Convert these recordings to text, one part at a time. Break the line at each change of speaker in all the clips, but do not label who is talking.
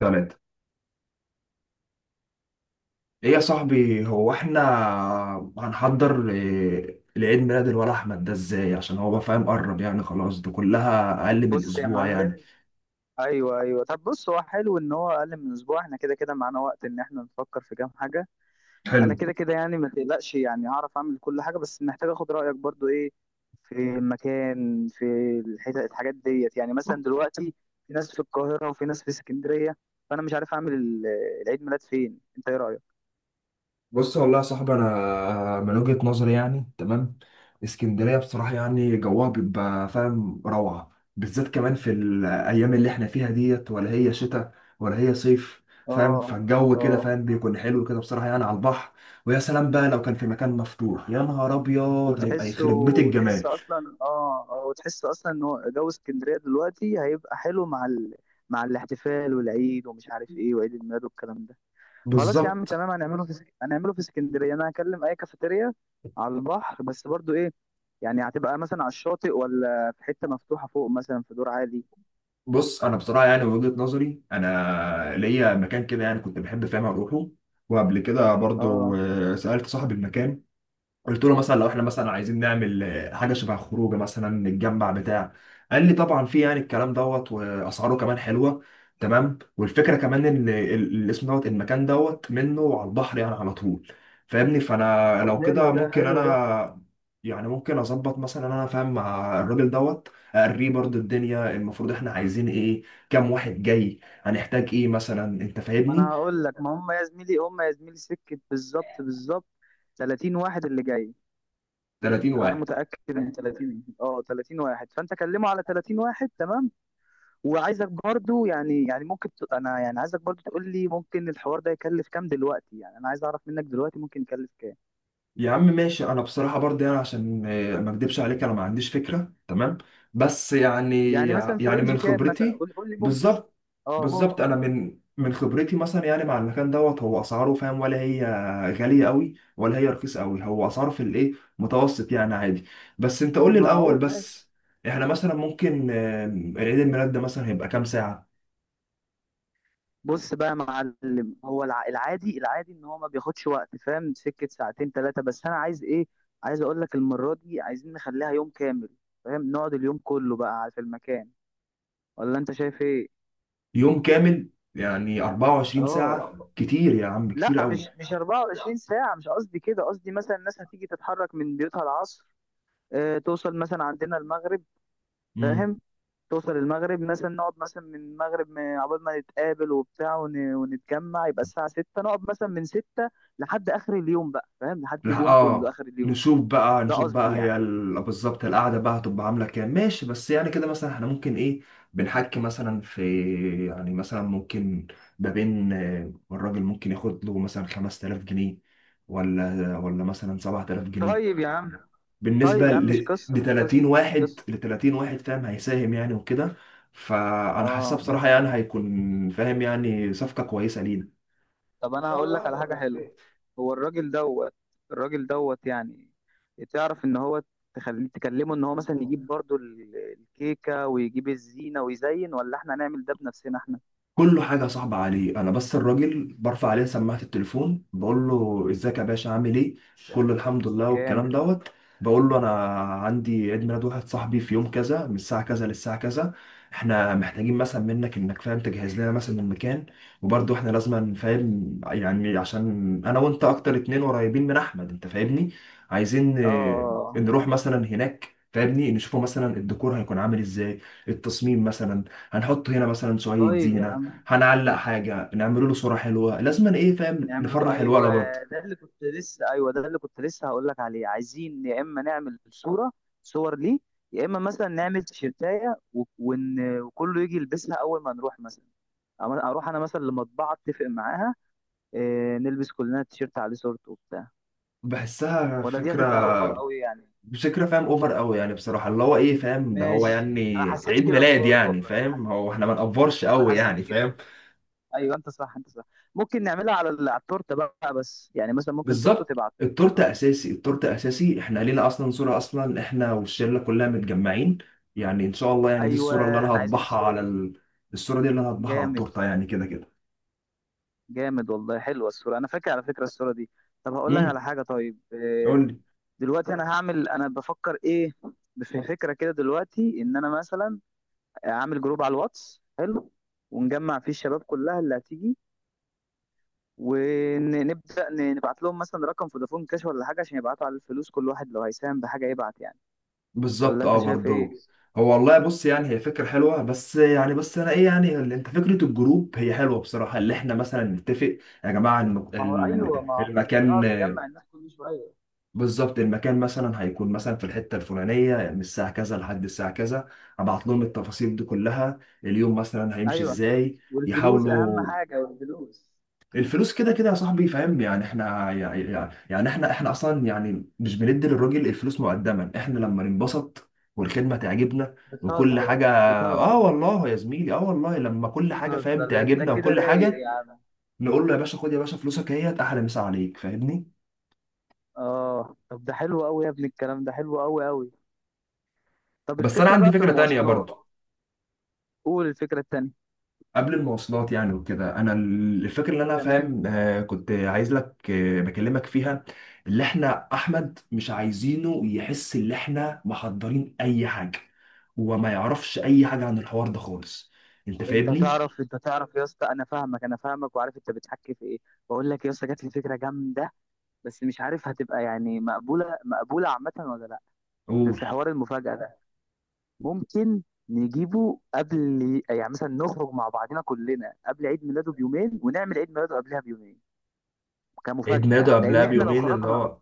ثلاثة. ايه يا صاحبي، هو احنا هنحضر إيه العيد ميلاد الولا احمد ده ازاي؟ عشان هو بقى فاهم قرب يعني، خلاص ده كلها اقل من
بص يا
اسبوع يعني.
معلم. ايوه، ايوه، طب بص، هو حلو ان هو اقل من اسبوع، احنا كده كده معانا وقت ان احنا نفكر في كام حاجه.
حلو.
انا كده كده، يعني ما تقلقش، يعني هعرف اعمل كل حاجه، بس محتاج اخد رايك برضو ايه في المكان، في الحتة، الحاجات ديت. يعني مثلا دلوقتي في ناس في القاهره وفي ناس في اسكندريه، فانا مش عارف اعمل العيد ميلاد فين. انت ايه رايك؟
بص والله يا صاحبي، انا من وجهة نظري يعني تمام. اسكندريه بصراحه يعني جوها بيبقى فاهم روعه، بالذات كمان في الايام اللي احنا فيها ديت، ولا هي شتاء ولا هي صيف، فاهم،
اه،
فالجو
اه،
كده فاهم بيكون حلو كده بصراحه يعني على البحر. ويا سلام بقى لو كان في مكان مفتوح، يا نهار ابيض هيبقى يخرب بيت الجمال.
وتحس اصلا ان هو جو اسكندريه دلوقتي هيبقى حلو مع مع الاحتفال والعيد ومش عارف ايه، وعيد الميلاد والكلام ده. خلاص يا عم،
بالظبط.
تمام. هنعمله في اسكندريه. انا هكلم اي كافيتيريا على البحر، بس برضو ايه، يعني هتبقى مثلا على الشاطئ ولا في حته مفتوحه فوق، مثلا في دور عالي؟
بص انا بصراحه يعني من وجهة نظري انا ليا مكان كده يعني كنت بحب فاهم اروحه، وقبل كده برضو
اه،
سألت صاحب المكان. قلت له مثلا لو احنا مثلا عايزين نعمل حاجه شبه خروجه مثلا نتجمع بتاع. قال لي طبعا في، يعني الكلام دوت واسعاره كمان حلوه تمام، والفكره كمان ان الاسم دوت المكان دوت منه على البحر يعني على طول. فاهمني، فانا
طب
لو
حلو
كده
ده،
ممكن
حلو ده.
انا يعني ممكن اظبط مثلا انا فاهم مع الراجل دوت، اقريه برضه الدنيا المفروض احنا عايزين ايه، كام واحد جاي، هنحتاج ايه مثلا، انت
ما
فاهمني.
انا هقول لك، ما هم يا زميلي، سكه. بالظبط، بالظبط، 30 واحد اللي جاي.
30
انا
واحد.
متاكد ان 30 واحد، فانت كلمه على 30 واحد. تمام. وعايزك برضو، يعني، انا يعني عايزك برضو تقول لي ممكن الحوار ده يكلف كام دلوقتي. يعني انا عايز اعرف منك دلوقتي ممكن يكلف كام.
يا عم ماشي، انا بصراحه برضه يعني عشان ما اكدبش عليك، انا ما عنديش فكره تمام، بس يعني
يعني مثلا في
يعني
رينج
من
كام مثلا،
خبرتي.
قول لي ممكن.
بالظبط.
اه،
بالظبط،
ممكن
انا من خبرتي مثلا يعني مع المكان دوت، هو اسعاره فاهم ولا هي غاليه قوي ولا هي رخيصه قوي، هو اسعاره في الايه متوسط يعني عادي. بس انت قول لي الاول،
المعقول. ماشي.
بس احنا مثلا ممكن عيد الميلاد ده مثلا هيبقى كام ساعه؟
بص بقى يا معلم، هو العادي، العادي ان هو ما بياخدش وقت، فاهم، سكه ساعتين ثلاثه. بس انا عايز ايه، عايز اقول لك المره دي عايزين نخليها يوم كامل، فاهم، نقعد اليوم كله بقى في المكان. ولا انت شايف ايه؟
يوم كامل؟ يعني 24 ساعه؟
اه،
كتير يا عم،
لا،
كتير
مش
قوي.
مش 24 ساعة. مش قصدي كده، قصدي مثلا الناس هتيجي تتحرك من بيوتها العصر، توصل مثلا عندنا المغرب، فاهم، توصل المغرب مثلا، نقعد مثلا من المغرب عقبال ما نتقابل وبتاع ونتجمع، يبقى الساعة 6 نقعد مثلا من 6 لحد آخر اليوم بقى، فاهم، لحد
لا
اليوم كله،
اه.
آخر اليوم.
نشوف بقى
ده
نشوف
قصدي
بقى هي
يعني.
بالظبط القعده بقى هتبقى عامله كام، ماشي، بس يعني كده مثلا احنا ممكن ايه بنحكي مثلا في يعني مثلا ممكن ما بين الراجل ممكن ياخد له مثلا 5000 جنيه ولا مثلا 7000 جنيه
طيب يا عم طيب
بالنسبه
يا عم، مش قصة،
ل
مش قصة،
30
مش
واحد،
قصة.
ل 30 واحد فاهم، هيساهم يعني وكده. فانا حاسسها
اه،
بصراحه يعني هيكون فاهم يعني صفقه كويسه لينا.
طب انا هقول لك على حاجه حلوه. هو الراجل دوت، يعني تعرف ان هو تخليه تكلمه ان هو مثلا يجيب برضو الكيكه ويجيب الزينه ويزين، ولا احنا نعمل ده بنفسنا احنا؟
كله حاجة صعبة عليه أنا، بس الراجل برفع عليه سماعة التليفون بقول له إزيك يا باشا، عامل إيه، كله الحمد لله والكلام
جامد.
دوت. بقول له أنا عندي عيد ميلاد واحد صاحبي في يوم كذا من الساعة كذا للساعة كذا، إحنا محتاجين مثلا منك إنك فاهم تجهز لنا مثلا المكان، وبرضه إحنا لازم فاهم يعني عشان أنا وأنت أكتر اتنين قريبين من أحمد، أنت فاهمني، عايزين
اه،
نروح مثلا هناك فاهمني نشوفه مثلا الديكور هيكون عامل إزاي، التصميم مثلا، هنحط هنا مثلا شوية
طيب يا
زينة،
عم،
هنعلق حاجة، نعمله له صورة حلوة، لازم أنا ايه فاهم
نعمل،
نفرح
ايوه،
الولد برضه.
ده اللي كنت لسه هقول لك عليه. عايزين يا اما نعمل صوره، صور ليه، يا اما مثلا نعمل تيشيرتايه وكله يجي يلبسها اول ما نروح مثلا، اروح انا مثلا لمطبعه اتفق معاها إيه، نلبس كلنا تيشيرت عليه صورته وبتاع،
بحسها
ولا دي هتبقى اوفر
فكرة.
قوي يعني؟
مش فكرة فاهم اوفر قوي يعني بصراحة، اللي هو ايه فاهم ده هو
ماشي، انا
يعني
حسيت
عيد
كده
ميلاد
برضه،
يعني،
والله
فاهم هو احنا ما نقفرش
انا
قوي يعني
حسيت كده.
فاهم.
ايوه، انت صح، انت صح. ممكن نعملها على على التورته بقى، بس يعني مثلا ممكن صورته
بالظبط.
تبقى على
التورتة
التورته.
اساسي، التورتة اساسي، احنا لينا اصلا صورة اصلا احنا والشلة كلها متجمعين، يعني ان شاء الله يعني دي الصورة اللي
ايوه،
انا
احنا عايزين
هطبعها
الصوره
على
دي.
ال... الصورة دي اللي انا هطبعها على
جامد،
التورتة يعني كده كده.
جامد، والله حلوه الصوره، انا فاكر على فكره الصوره دي. طب هقول لك على حاجه، طيب
امم.
دلوقتي انا هعمل انا بفكر ايه، في فكره كده دلوقتي ان انا مثلا اعمل جروب على الواتس، حلو، ونجمع فيه الشباب كلها اللي هتيجي، ونبدا نبعت لهم مثلا رقم فودافون كاش ولا حاجه عشان يبعتوا على الفلوس، كل واحد لو هيساهم بحاجه يبعت يعني. ولا
بالظبط،
انت
اه
شايف ايه؟
برضه. هو والله بص يعني هي فكرة حلوة، بس يعني بس انا ايه يعني اللي انت فكرة الجروب هي حلوة بصراحة، اللي احنا مثلا نتفق يا جماعة
ما هو ايوه، ما احنا مش
المكان.
هنقعد نجمع الناس كل شويه.
بالظبط، المكان مثلا هيكون مثلا في الحتة الفلانية من الساعة كذا لحد الساعة كذا، ابعت لهم التفاصيل دي كلها، اليوم مثلا هيمشي
ايوه،
ازاي،
والفلوس اهم
يحاولوا.
حاجه، والفلوس.
الفلوس كده كده يا صاحبي فاهم يعني، احنا يعني احنا اصلا يعني مش بندي للراجل الفلوس مقدما، احنا لما ننبسط والخدمه تعجبنا وكل
بتهزر،
حاجه. اه
بتهزر،
والله يا زميلي، اه والله لما كل حاجه فاهم
بتهزر، ده انت
تعجبنا
كده
وكل
رايق
حاجه،
يا عم.
نقول له يا باشا خد يا باشا فلوسك، اهيت احلى مسا عليك فاهمني.
اه، طب ده حلو قوي يا ابني، الكلام ده حلو قوي قوي. طب
بس انا
الفكره
عندي
بقى في
فكره تانية برضو،
المواصلات. قول الفكره التانيه.
قبل المواصلات يعني وكده، انا الفكره اللي انا
تمام.
فاهم كنت عايز لك بكلمك فيها، اللي احنا احمد مش عايزينه يحس ان احنا محضرين اي حاجه، وما يعرفش اي حاجه عن الحوار ده خالص. انت فاهمني.
انت تعرف يا اسطى، انا فاهمك، وعارف انت بتحكي في ايه. بقول لك يا اسطى، جات لي فكره جامده، بس مش عارف هتبقى يعني مقبوله، مقبوله عامه ولا لا.
قول.
في حوار المفاجاه ده، ممكن نجيبه قبل، يعني مثلا نخرج مع بعضنا كلنا قبل عيد ميلاده بيومين ونعمل عيد ميلاده قبلها بيومين
عيد ميلاده
كمفاجاه.
قبلها
لان احنا لو
بيومين اللي
خرجنا،
هو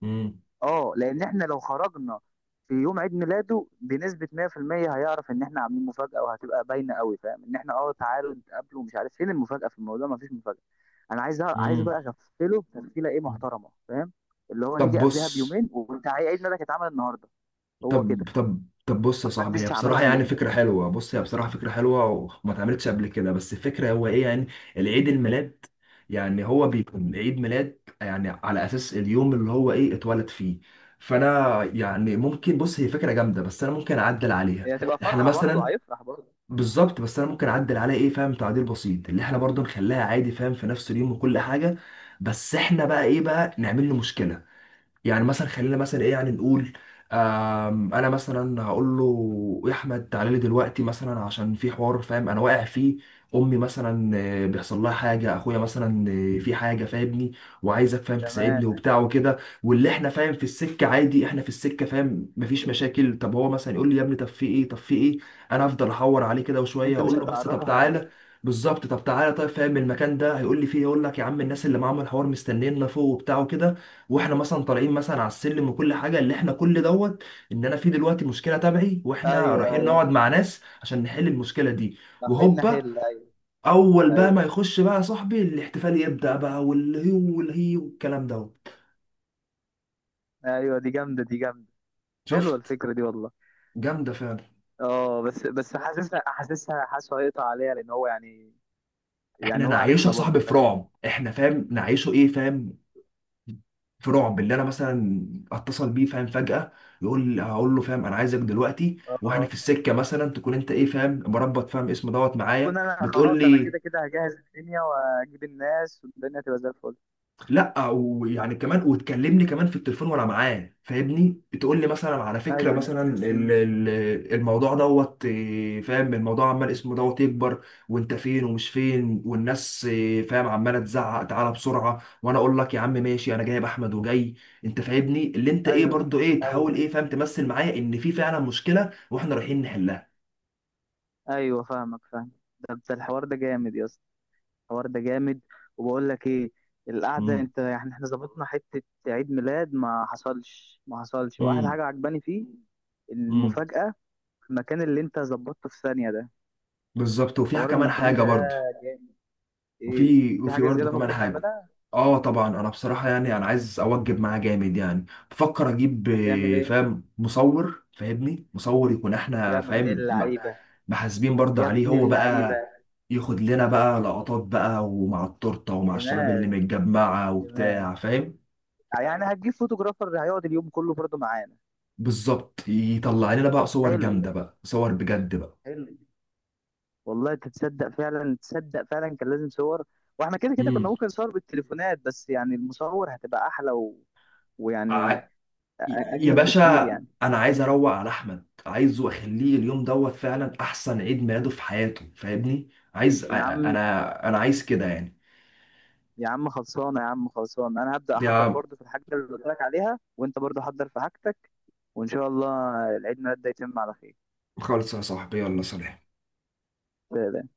مم.
اه لان احنا لو خرجنا في يوم عيد ميلاده بنسبه 100% هيعرف ان احنا عاملين مفاجاه، وهتبقى باينه قوي، فاهم، ان احنا تعالوا نتقابلوا ومش عارف فين المفاجاه في الموضوع، مفيش مفاجاه. انا عايز
مم.
بقى اغفله تغفيله ايه محترمه، فاهم. اللي هو
طب
نيجي قبلها
بص.
بيومين، وانت عيد ميلادك اتعمل النهارده. هو
طب
كده.
طب طب بص يا صاحبي، هي
محدش عملها
بصراحة يعني
قبل كده.
فكرة حلوة، بص هي بصراحة فكرة حلوة وما اتعملتش قبل كده، بس الفكرة هو ايه يعني العيد الميلاد يعني هو بيكون عيد ميلاد يعني على أساس اليوم اللي هو ايه اتولد فيه، فأنا يعني ممكن، بص هي فكرة جامدة بس أنا ممكن أعدل عليها
هي هتبقى
احنا
فرحه برضه،
مثلا.
هيفرح برضه.
بالظبط، بس أنا ممكن أعدل عليها ايه فاهم تعديل بسيط، اللي احنا برضو نخليها عادي فاهم في نفس اليوم وكل حاجة، بس احنا بقى ايه بقى نعمل له مشكلة، يعني مثلا خلينا مثلا ايه يعني نقول، انا مثلا هقول له يا احمد تعالى لي دلوقتي مثلا عشان في حوار فاهم انا واقع فيه، امي مثلا بيحصل لها حاجه، اخويا مثلا في حاجه فاهمني، وعايزك فاهم
تمام.
تساعدني وبتاع وكده، واللي احنا فاهم في السكه عادي، احنا في السكه فاهم مفيش مشاكل، طب هو مثلا يقول لي يا ابني طب في ايه طب في ايه، انا هفضل احور عليه كده وشويه
انت مش
اقول له بس طب
هتعرفه
تعالى.
حاجه.
بالظبط، طب تعالى، طيب فاهم المكان ده، هيقول لي فيه يقول لك يا عم الناس اللي معاهم الحوار مستنينا فوق وبتاع وكده، واحنا مثلا طالعين مثلا على السلم وكل حاجه، اللي احنا كل دوت ان انا في دلوقتي مشكله تبعي، واحنا
ايوه،
رايحين
ايوه،
نقعد مع ناس عشان نحل المشكله دي،
حل
وهوبا،
حل ايوه.
اول بقى ما
ايوه،
يخش بقى صاحبي الاحتفال يبدا بقى والهي والهي والكلام دوت.
ايوه، دي جامده، دي جامده. حلوه
شفت.
الفكره دي والله.
جامده فعلا.
اه، بس حاسسها حاسسها حاسه هيقطع عليا، لان هو يعني،
احنا
هو
نعيشها
عارفنا برضه،
صاحبي في
فاهم.
رعب، احنا فاهم نعيشه ايه فاهم، في رعب، اللي انا مثلا اتصل بيه فاهم فجاه، يقول هقول له فاهم انا عايزك دلوقتي، واحنا
اه،
في السكه مثلا تكون انت ايه فاهم مربط فاهم اسم دوت معايا
اكون انا
بتقول
خلاص، انا
لي،
كده كده هجهز الدنيا واجيب الناس، والدنيا تبقى زي الفل.
لا ويعني كمان وتكلمني كمان في التليفون وانا معاه فاهمني، تقول لي مثلا على فكره
ايوه،
مثلا الموضوع دوت إيه، فاهم الموضوع عمال اسمه دوت يكبر، وانت فين ومش فين والناس إيه، فاهم عماله تزعق تعالى بسرعه، وانا اقول لك يا عم ماشي، انا جايب احمد وجاي. انت فاهمني، اللي انت ايه
ايوه،
برضو ايه، تحاول ايه
ايوه،
فاهم تمثل معايا ان في فعلا مشكله واحنا رايحين نحلها.
ايوه، فاهمك، فاهم. ده الحوار ده جامد يا اسطى، الحوار ده جامد. وبقول لك ايه، القعده،
امم.
انت يعني احنا ظبطنا حته عيد ميلاد ما حصلش، ما حصلش، واحلى
امم.
حاجه عجباني فيه
امم.
المفاجاه، في المكان اللي انت ظبطته في ثانيه ده.
بالظبط، وفيها
حوار
كمان
المكان
حاجه
ده
برضو،
ايه،
وفي
في
وفي
حاجه
برضه
زياده
كمان
ممكن
حاجة.
نعملها؟
اه طبعا انا بصراحة يعني انا عايز اوجب معاه جامد يعني، بفكر اجيب
هتعمل ايه
فاهم مصور، فاهمني مصور يكون
يا
احنا
ابن
فاهم
اللعيبه،
محاسبين برضه
يا
عليه
ابن
هو
اللعيبه.
بقى، ياخد لنا بقى لقطات بقى ومع التورتة ومع الشباب
دماغ،
اللي متجمعة
دماغ.
وبتاع فاهم.
يعني هتجيب فوتوغرافر هيقعد اليوم كله برضه معانا.
بالظبط، يطلع لنا بقى صور
حلو،
جامدة بقى، صور بجد بقى.
حلو، والله تتصدق فعلا تصدق فعلا كان لازم صور. واحنا كده كده كنا
امم.
ممكن نصور بالتليفونات، بس يعني المصور هتبقى احلى ويعني
يا
اجمل
باشا،
بكتير يعني.
انا عايز اروق على احمد، عايزه اخليه اليوم دوت فعلا احسن عيد ميلاده في حياته فاهمني، عايز
يا عم،
انا عايز كده يعني.
خلصانه يا عم، خلصانه. انا هبدا
يا
احضر برضه في الحاجه اللي قلت لك عليها، وانت برضه حضر في حاجتك، وان شاء الله العيد ميلاد ده يتم على خير.
خالص يا صاحبي، يلا سلام.
سلام.